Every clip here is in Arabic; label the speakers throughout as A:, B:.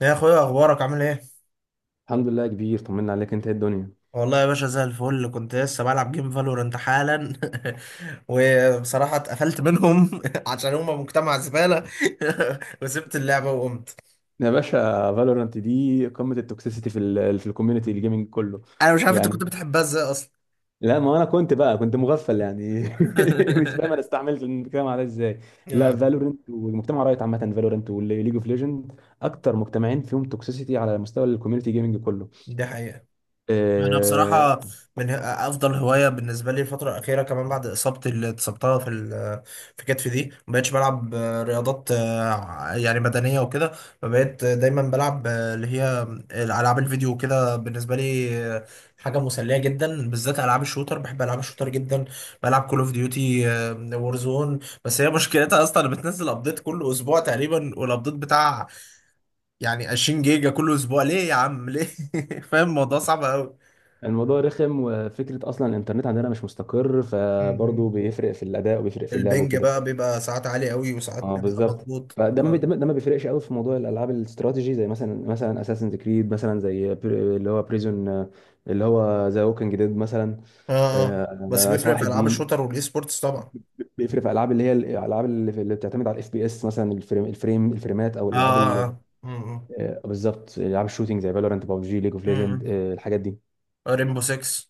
A: يا اخويا اخبارك عامل ايه؟
B: الحمد لله يا كبير، طمنا عليك. انت ايه الدنيا؟
A: والله يا باشا زي الفل، كنت لسه بلعب جيم فالورنت حالا. وبصراحة اتقفلت منهم عشان هما مجتمع زبالة. وسبت اللعبة وقمت.
B: يا باشا، فالورانت دي قمه التوكسيسيتي في الكوميونتي الجيمنج كله.
A: انا مش عارف انت كنت
B: يعني.
A: بتحبها ازاي اصلا.
B: لا، ما انا كنت مغفل يعني. مش فاهم انا استعملت الكلام على ازاي. لا،
A: آه،
B: فالورانت والمجتمع رايت عامه، فالورانت وليج اوف ليجند اكتر مجتمعين فيهم توكسيسيتي على مستوى الكوميونتي جيمنج كله.
A: دي حقيقة. انا
B: آه،
A: بصراحه من افضل هوايه بالنسبه لي الفتره الاخيره، كمان بعد اصابتي اللي اتصبتها في كتفي دي، ما بقتش بلعب رياضات، يعني بدنيه وكده. فبقيت دايما بلعب اللي هي العاب الفيديو وكده. بالنسبه لي حاجه مسليه جدا، بالذات العاب الشوتر. بحب العاب الشوتر جدا. بلعب كول اوف ديوتي وورزون. بس هي مشكلتها اصلا بتنزل ابديت كل اسبوع تقريبا، والابديت بتاع يعني 20 جيجا كل اسبوع. ليه يا عم ليه؟ فاهم الموضوع صعب قوي.
B: الموضوع رخم. وفكره اصلا الانترنت عندنا مش مستقر،
A: مم.
B: فبرضه بيفرق في الاداء وبيفرق في اللعب
A: البنج
B: وكده.
A: بقى بيبقى ساعات عالي قوي وساعات
B: اه
A: بيبقى
B: بالظبط.
A: مضغوط
B: فده ما بي-
A: اه.
B: ده ما ده ما بيفرقش قوي في موضوع الالعاب الاستراتيجي، زي مثلا اساسن كريد، مثلا زي اللي هو بريزون، اللي هو ذا ووكينج ديد مثلا.
A: اه، اه بس
B: آه،
A: بيفرق
B: صلاح
A: في العاب
B: الدين.
A: الشوتر والاي سبورتس طبعا.
B: بيفرق في العاب اللي هي الالعاب اللي بتعتمد على الاف بي اس مثلا، الفريمات او
A: اه
B: الالعاب
A: اه. امم
B: آه، بالظبط، العاب الشوتينج زي فالورانت، بابجي، ليج اوف ليجند،
A: امم
B: الحاجات دي.
A: ريمبو 6.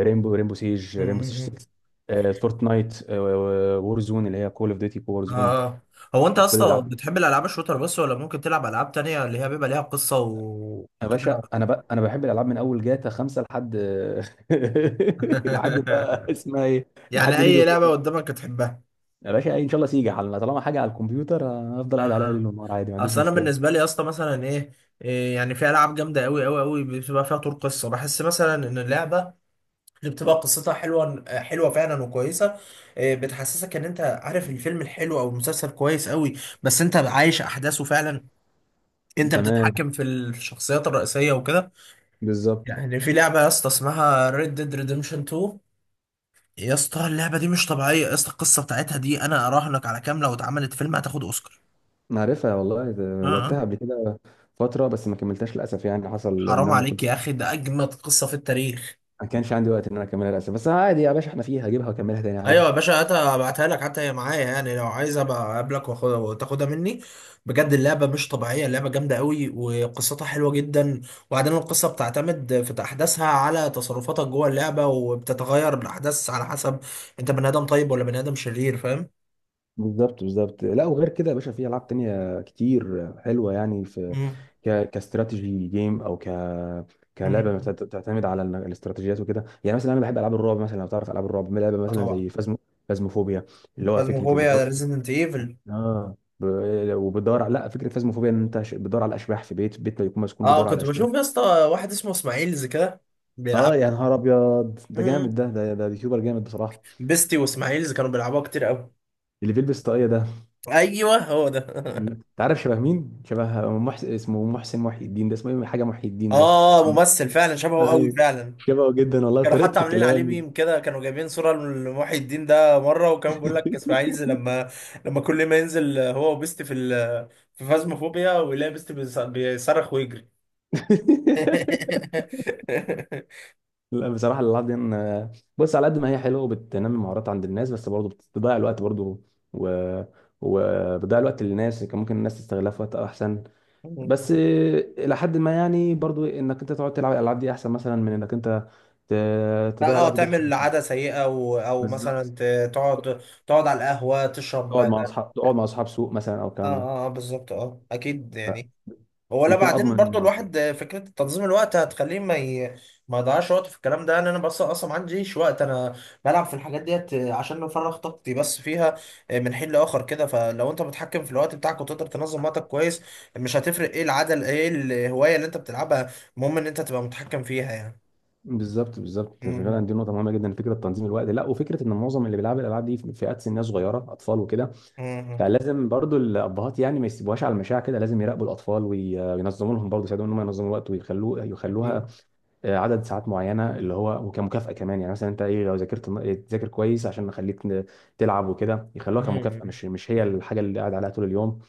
B: ريمبو سيج
A: امم.
B: 6. فورتنايت، وور زون اللي هي كول اوف ديوتي وور
A: اه.
B: زون.
A: آه. هو انت
B: كل
A: اصلا
B: الالعاب.
A: بتحب الالعاب الشوتر بس، ولا ممكن تلعب العاب تانية اللي هي بيبقى ليها
B: يا
A: وكده؟
B: باشا، انا بقى انا بحب الالعاب من اول جاتا خمسه لحد لحد بقى اسمها ايه،
A: يعني
B: لحد ليج
A: اي
B: اوف
A: لعبه
B: ليجندز.
A: قدامك تحبها.
B: يا باشا ان شاء الله، سيجي على طالما حاجه على الكمبيوتر هفضل
A: آه.
B: قاعد عليها
A: آه.
B: ليل ونهار عادي، ما عنديش
A: اصل انا
B: مشكله.
A: بالنسبه لي يا اسطى مثلا ايه، إيه، يعني في العاب جامده قوي بتبقى فيها طور قصه. بحس مثلا ان اللعبه اللي بتبقى قصتها حلوه فعلا وكويسه، بتحسسك ان انت عارف الفيلم الحلو او المسلسل كويس قوي، بس انت عايش احداثه فعلا. انت
B: تمام،
A: بتتحكم في الشخصيات الرئيسيه وكده.
B: بالظبط.
A: يعني في لعبه يا اسطى اسمها Red Dead Redemption 2. يا اسطى اللعبه دي مش طبيعيه. يا اسطى القصه بتاعتها دي انا اراهنك على كام، لو اتعملت فيلم هتاخد اوسكار.
B: أنا عارفها والله،
A: اه،
B: لعبتها
A: آه.
B: قبل كده فتره، بس ما كملتهاش للاسف. يعني حصل ان
A: حرام
B: انا ما
A: عليك يا
B: كنتش
A: اخي، ده اجمد قصه في التاريخ.
B: ما كانش عندي وقت ان انا اكملها للاسف، بس عادي يا باشا، احنا فيها، هجيبها واكملها تاني عادي.
A: ايوه يا باشا، هاتها ابعتها لك، حتى هي معايا يعني، لو عايز ابقى اقابلك واخدها وتاخدها مني. بجد اللعبه مش طبيعيه، اللعبه جامده قوي وقصتها حلوه جدا. وبعدين القصه بتعتمد في احداثها على تصرفاتك جوه اللعبه، وبتتغير الاحداث على حسب انت بني ادم طيب ولا بني ادم شرير، فاهم؟
B: بالظبط بالظبط. لا، وغير كده يا باشا، في العاب تانية كتير حلوه، يعني في
A: امم.
B: كاستراتيجي جيم، او
A: امم.
B: كلعبه بتعتمد على الاستراتيجيات وكده. يعني مثلا انا بحب العاب الرعب مثلا، لو تعرف العاب الرعب، لعبه
A: آه
B: مثلا
A: طبعا.
B: زي فازمو، فازموفوبيا، اللي هو فكره
A: فازموفوبيا، ريزيدنت ايفل.
B: اه، وبتدور على، لا، فكره فازموفوبيا ان انت بتدور على اشباح في بيت بيكون مسكون،
A: اه
B: بتدور على
A: كنت بشوف
B: اشباح.
A: يا اسطى واحد اسمه اسماعيلز كده بيلعب.
B: اه يا نهار ابيض، ده
A: مم.
B: جامد، ده يوتيوبر جامد بصراحه.
A: بيستي واسماعيلز كانوا بيلعبوها كتير قوي.
B: اللي بيلبس طاقيه ده،
A: ايوه هو ده.
B: انت عارف شبه مين؟ شبه محسن، اسمه محسن محي الدين، ده اسمه ايه، حاجه محي الدين ده.
A: اه، ممثل فعلا شبهه قوي
B: ايوه،
A: فعلا.
B: شبهه جدا والله
A: كانوا حتى
B: وطريقه
A: عاملين عليه
B: الكلام.
A: ميم كده، كانوا جايبين صورة لمحي الدين ده مرة، وكان بيقول لك اسماعيل زي لما، لما كل ما ينزل هو وبيست في فازموفوبيا ويلاقي بيصرخ ويجري.
B: لا بصراحه الالعاب دي بص، على قد ما هي حلوه وبتنمي مهارات عند الناس، بس برضه بتضيع الوقت برضه، و، وبتضيع الوقت للناس كان ممكن الناس تستغلها في وقت احسن. بس الى حد ما يعني، برضو انك انت تقعد تلعب الالعاب دي احسن مثلا من انك انت تضيع
A: اه،
B: الوقت ده في حاجه
A: تعمل عادة
B: تانية.
A: سيئة او
B: بالظبط.
A: تقعد، تقعد على القهوة تشرب
B: تقعد
A: اه.
B: مع اصحاب تقعد مع اصحاب سوق مثلا، او
A: اه،
B: الكلام ده
A: آه، بالظبط. اه اكيد يعني. هو لا،
B: بيكون اضمن
A: بعدين
B: إن
A: برضو
B: الولد.
A: الواحد فكرة تنظيم الوقت هتخليه ما يضيعش وقته في الكلام ده. انا بس اصلا ما عنديش وقت. انا بلعب في الحاجات ديت عشان نفرغ طاقتي بس فيها من حين لاخر كده. فلو انت متحكم في الوقت بتاعك، وتقدر تنظم وقتك كويس، مش هتفرق ايه العدل ايه الهواية اللي انت بتلعبها. المهم ان انت تبقى متحكم فيها يعني.
B: بالظبط بالظبط،
A: مم.
B: فعلا دي نقطه مهمه جدا فكره تنظيم الوقت. لا، وفكره ان معظم اللي بيلعبوا الالعاب دي في فئات سنيه صغيره، اطفال وكده،
A: مم.
B: فلازم برضو الابهات يعني ما يسيبوهاش على المشاع كده، لازم يراقبوا الاطفال وينظموا لهم برضو، يساعدوهم ان هم ينظموا الوقت، ويخلوه يخلوها
A: اكيد.
B: عدد ساعات معينه، اللي هو كمكافاه كمان. يعني مثلا انت ايه، لو ذاكرت، تذاكر كويس عشان نخليك تلعب وكده، يخلوها كمكافاه،
A: مم.
B: مش هي الحاجه اللي قاعد عليها طول اليوم.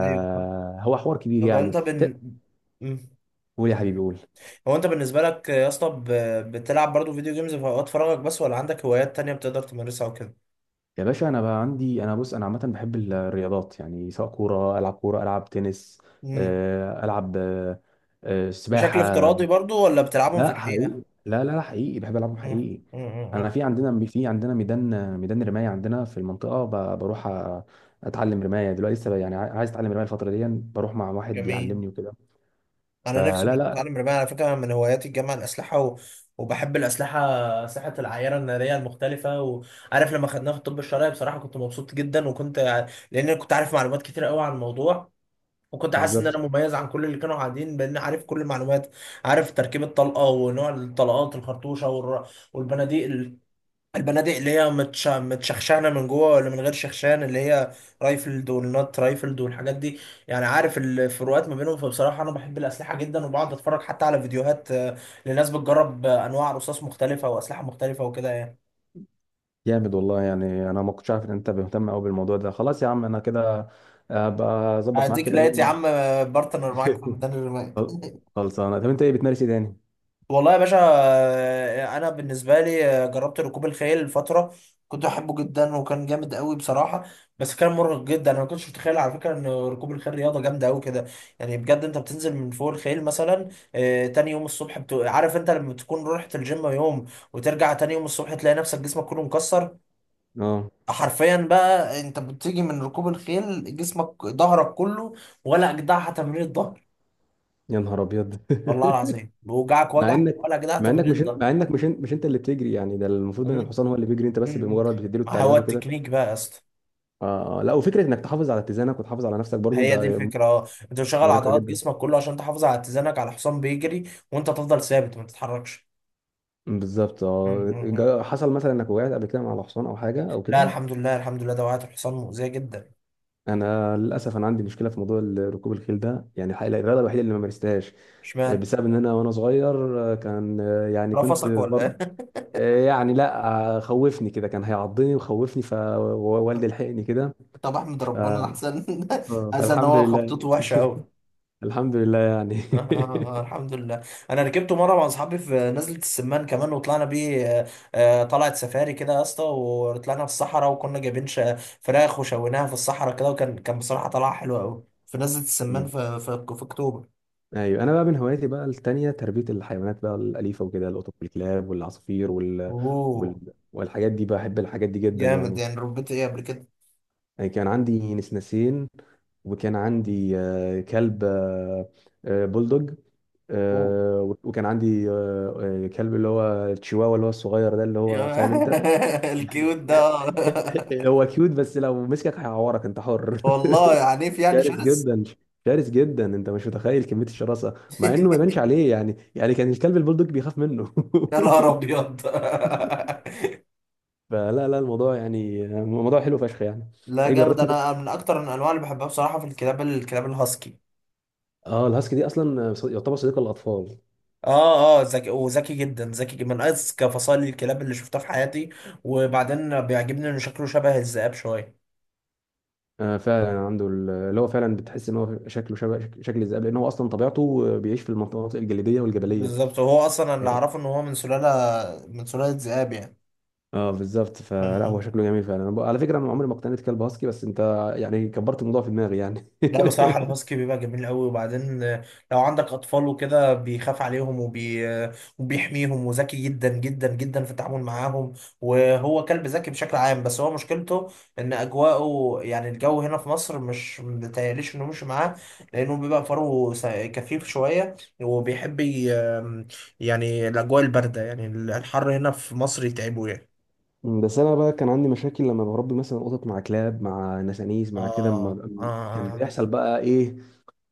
A: ايوه.
B: حوار كبير
A: طب
B: يعني
A: انت بن. مم.
B: قول يا حبيبي، قول.
A: هو انت بالنسبه لك يا اسطى بتلعب برضو فيديو جيمز في اوقات فراغك بس، ولا عندك هوايات تانية بتقدر تمارسها وكده؟
B: يا باشا انا بقى عندي انا بص انا عامه بحب الرياضات، يعني سواء العب كوره العب تنس،
A: امم.
B: العب
A: بشكل
B: سباحه.
A: افتراضي برضو، ولا بتلعبهم في
B: لا
A: الحقيقه؟
B: حقيقي، لا لا لا، حقيقي بحب العبهم
A: مم.
B: حقيقي.
A: مم.
B: انا
A: مم.
B: في عندنا في عندنا ميدان رمايه عندنا في المنطقه، بروح اتعلم رمايه دلوقتي لسه، يعني عايز اتعلم رمايه الفتره دي، بروح مع واحد
A: جميل.
B: بيعلمني وكده.
A: انا نفسي
B: فلا
A: برضو
B: لا.
A: اتعلم رمايه على فكره، من هواياتي الجامعه الاسلحه وبحب الاسلحه. ساحه العيار الناريه المختلفه. وعارف لما خدناها في الطب الشرعي، بصراحه كنت مبسوط جدا، وكنت يعني، لان أنا كنت عارف معلومات كتير قوي عن الموضوع، وكنت حاسس ان انا
B: بالظبط.
A: مميز عن كل اللي كانوا قاعدين بان عارف كل المعلومات. عارف تركيب الطلقه، ونوع الطلقات الخرطوشه، والبنادق ال- البنادق اللي هي متشخشانه من جوه ولا من غير شخشان، اللي هي رايفلد والنوت رايفلد والحاجات دي. يعني عارف الفروقات ما بينهم. فبصراحه انا بحب الاسلحه جدا، وبقعد اتفرج حتى على فيديوهات لناس بتجرب انواع رصاص مختلفه واسلحه مختلفه وكده يعني.
B: جامد والله، يعني انا ما كنتش عارف ان انت مهتم قوي بالموضوع ده، خلاص يا عم انا كده ابقى اظبط معاك
A: هديك
B: كده
A: لقيت يا
B: يوم.
A: عم بارتنر معاك في ميدان الرماية.
B: خل- خلصانه. طب انت ايه بتمارس ايه تاني؟
A: والله يا باشا، انا بالنسبه لي جربت ركوب الخيل فتره. كنت احبه جدا، وكان جامد قوي بصراحه. بس كان مرهق جدا. انا ما كنتش متخيل على فكره ان ركوب الخيل رياضه جامده قوي كده. يعني بجد انت بتنزل من فوق الخيل مثلا، تاني يوم الصبح. عارف انت لما تكون رحت الجيم يوم، وترجع تاني يوم الصبح تلاقي نفسك جسمك كله مكسر؟
B: اه،
A: حرفيا بقى انت بتيجي من ركوب الخيل جسمك ظهرك كله، ولا اجدعها تمرين الظهر.
B: يا نهار ابيض.
A: والله العظيم بوجعك
B: مع
A: وجع،
B: انك
A: ولا اجدعها
B: مع انك
A: تمرين
B: مش
A: الظهر.
B: مع انك مش مش انت اللي بتجري، يعني ده المفروض ان الحصان هو اللي بيجري، انت بس
A: مم.
B: بمجرد بتديله
A: ما هو
B: التعليمات وكده.
A: التكنيك بقى يا اسطى.
B: آه آه. لا، وفكره انك تحافظ على اتزانك وتحافظ على نفسك برضو
A: هي دي
B: ده
A: الفكره. اه، انت بتشغل
B: مرهقه
A: عضلات
B: جدا.
A: جسمك كله عشان تحافظ على اتزانك على حصان بيجري، وانت تفضل ثابت ما تتحركش.
B: بالظبط.
A: مم.
B: اه
A: مم.
B: حصل مثلا انك وقعت قبل كده مع الحصان او حاجه او
A: لا
B: كده؟
A: الحمد لله، الحمد لله، ده وقعت الحصان مؤذيه جدا.
B: انا عندي مشكله في موضوع ركوب الخيل ده، يعني الحقيقة الرياضه الوحيده اللي ما مارستهاش
A: اشمعنى؟
B: بسبب ان انا وانا صغير، كان يعني كنت،
A: رفسك ولا ايه؟
B: يعني لا، خوفني كده، كان هيعضني وخوفني فوالدي لحقني كده.
A: طب احمد
B: ف...
A: ربنا احسن، احسن. ان
B: فالحمد
A: هو
B: لله.
A: خبطته وحشه قوي.
B: الحمد لله يعني.
A: آه آه آه، الحمد لله. انا ركبته مره مع اصحابي في نزله السمان كمان، وطلعنا بيه آه، طلعت سفاري كده يا اسطى، وطلعنا في الصحراء، وكنا جايبين فراخ وشويناها في الصحراء كده. وكان بصراحه طلعه حلوه قوي في نزله السمان
B: مم.
A: في اكتوبر.
B: ايوه، انا بقى من هواياتي بقى التانية تربية الحيوانات بقى الأليفة وكده، القطط والكلاب والعصافير
A: اوه.
B: والحاجات دي، بحب الحاجات دي جدا
A: جامد،
B: يعني.
A: يعني ربيت ايه قبل كده؟
B: يعني كان عندي نسناسين، وكان عندي كلب، بولدوج،
A: اوه.
B: وكان عندي كلب اللي هو التشيواوا اللي هو الصغير ده اللي هو، فاهم انت؟
A: يا، الكيوت ده. آه.
B: هو كيوت، بس لو مسكك هيعورك انت حر.
A: والله عنيف، يعني
B: شرس
A: شرس.
B: جدا. شرس جدا، انت مش متخيل كمية الشراسة، مع انه ما يبانش عليه يعني كان الكلب البولدوج بيخاف منه.
A: يا نهار ابيض.
B: فلا لا، الموضوع يعني موضوع حلو فشخ يعني.
A: لا
B: ايه
A: جامد.
B: جربت انت؟
A: انا من اكتر الانواع اللي بحبها بصراحه في الكلاب، الكلاب الهاسكي.
B: اه، الهاسكي دي اصلا يعتبر صديق الاطفال.
A: اه. اه، ذكي. وذكي جدا، ذكي جدا، من اذكى فصائل الكلاب اللي شفتها في حياتي. وبعدين بيعجبني انه شكله شبه الذئاب شويه.
B: آه فعلا، عنده اللي هو، فعلا بتحس ان هو شكله شبه شكل الذئاب، لان هو اصلا طبيعته بيعيش في المناطق الجليديه والجبليه.
A: بالظبط. وهو اصلا اللي اعرفه ان هو من سلاله ذئاب
B: اه بالظبط، فلا هو
A: يعني.
B: شكله جميل فعلا، أنا على فكره انا عمري ما اقتنيت كلب هاسكي، بس انت، يعني كبرت الموضوع في دماغي يعني.
A: لا بصراحة الهاسكي بيبقى جميل قوي. وبعدين لو عندك أطفال وكده بيخاف عليهم وبيحميهم، وذكي جدا في التعامل معاهم. وهو كلب ذكي بشكل عام. بس هو مشكلته إن أجواءه، يعني الجو هنا في مصر مش متهيأليش إنه مش معاه، لأنه بيبقى فروه كثيف شوية، وبيحب ي... آم، يعني الأجواء الباردة، يعني الحر هنا في مصر يتعبه يعني.
B: بس انا بقى كان عندي مشاكل لما بربي مثلا قطط مع كلاب مع نسانيس مع
A: آه
B: كده
A: آه
B: كان
A: آه.
B: بيحصل بقى ايه؟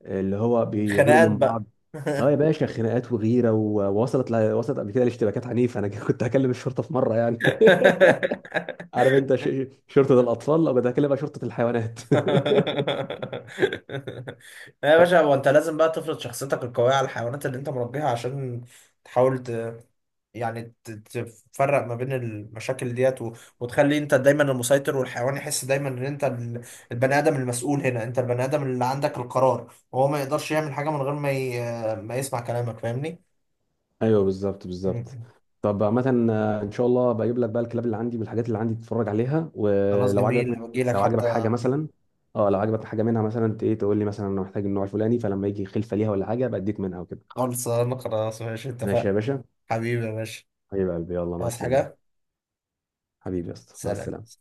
B: اللي هو بيغيروا
A: خناقات
B: من بعض.
A: بقى.
B: اه يا باشا، خناقات وغيره، ووصلت وصلت قبل كده لاشتباكات عنيفه انا، كنت هكلم الشرطه في مره يعني. عارف انت شرطه الاطفال، او كنت هكلمها شرطه الحيوانات.
A: لا يا باشا، هو انت لازم بقى تفرض شخصيتك القوية على الحيوانات اللي انت مربيها، عشان تحاول ت... يعني تفرق ما بين المشاكل ديت وتخلي انت دايما المسيطر، والحيوان يحس دايما البني ادم المسؤول هنا. انت البني ادم اللي عندك القرار، وهو ما يقدرش يعمل حاجة من غير ما ما يسمع كلامك. فاهمني؟
B: ايوه بالظبط بالظبط.
A: مم.
B: طب عامة ان شاء الله بجيب لك بقى الكلاب اللي عندي والحاجات اللي عندي تتفرج عليها،
A: خلاص
B: ولو عجبك
A: جميل، بجي لك
B: لو عجبك حاجة
A: حتى.
B: مثلا، اه لو عجبك حاجة منها مثلا ايه، تقول لي مثلا انا محتاج النوع الفلاني، فلما يجي خلفة ليها ولا حاجة بديك منها وكده.
A: خالص، انا خلاص ماشي
B: ماشي
A: اتفقنا.
B: يا باشا.
A: حبيبي يا باشا.
B: حبيب قلبي، يلا مع
A: عايز
B: السلامة.
A: حاجة؟
B: حبيبي يا اسطى، مع
A: سلام.
B: السلامة.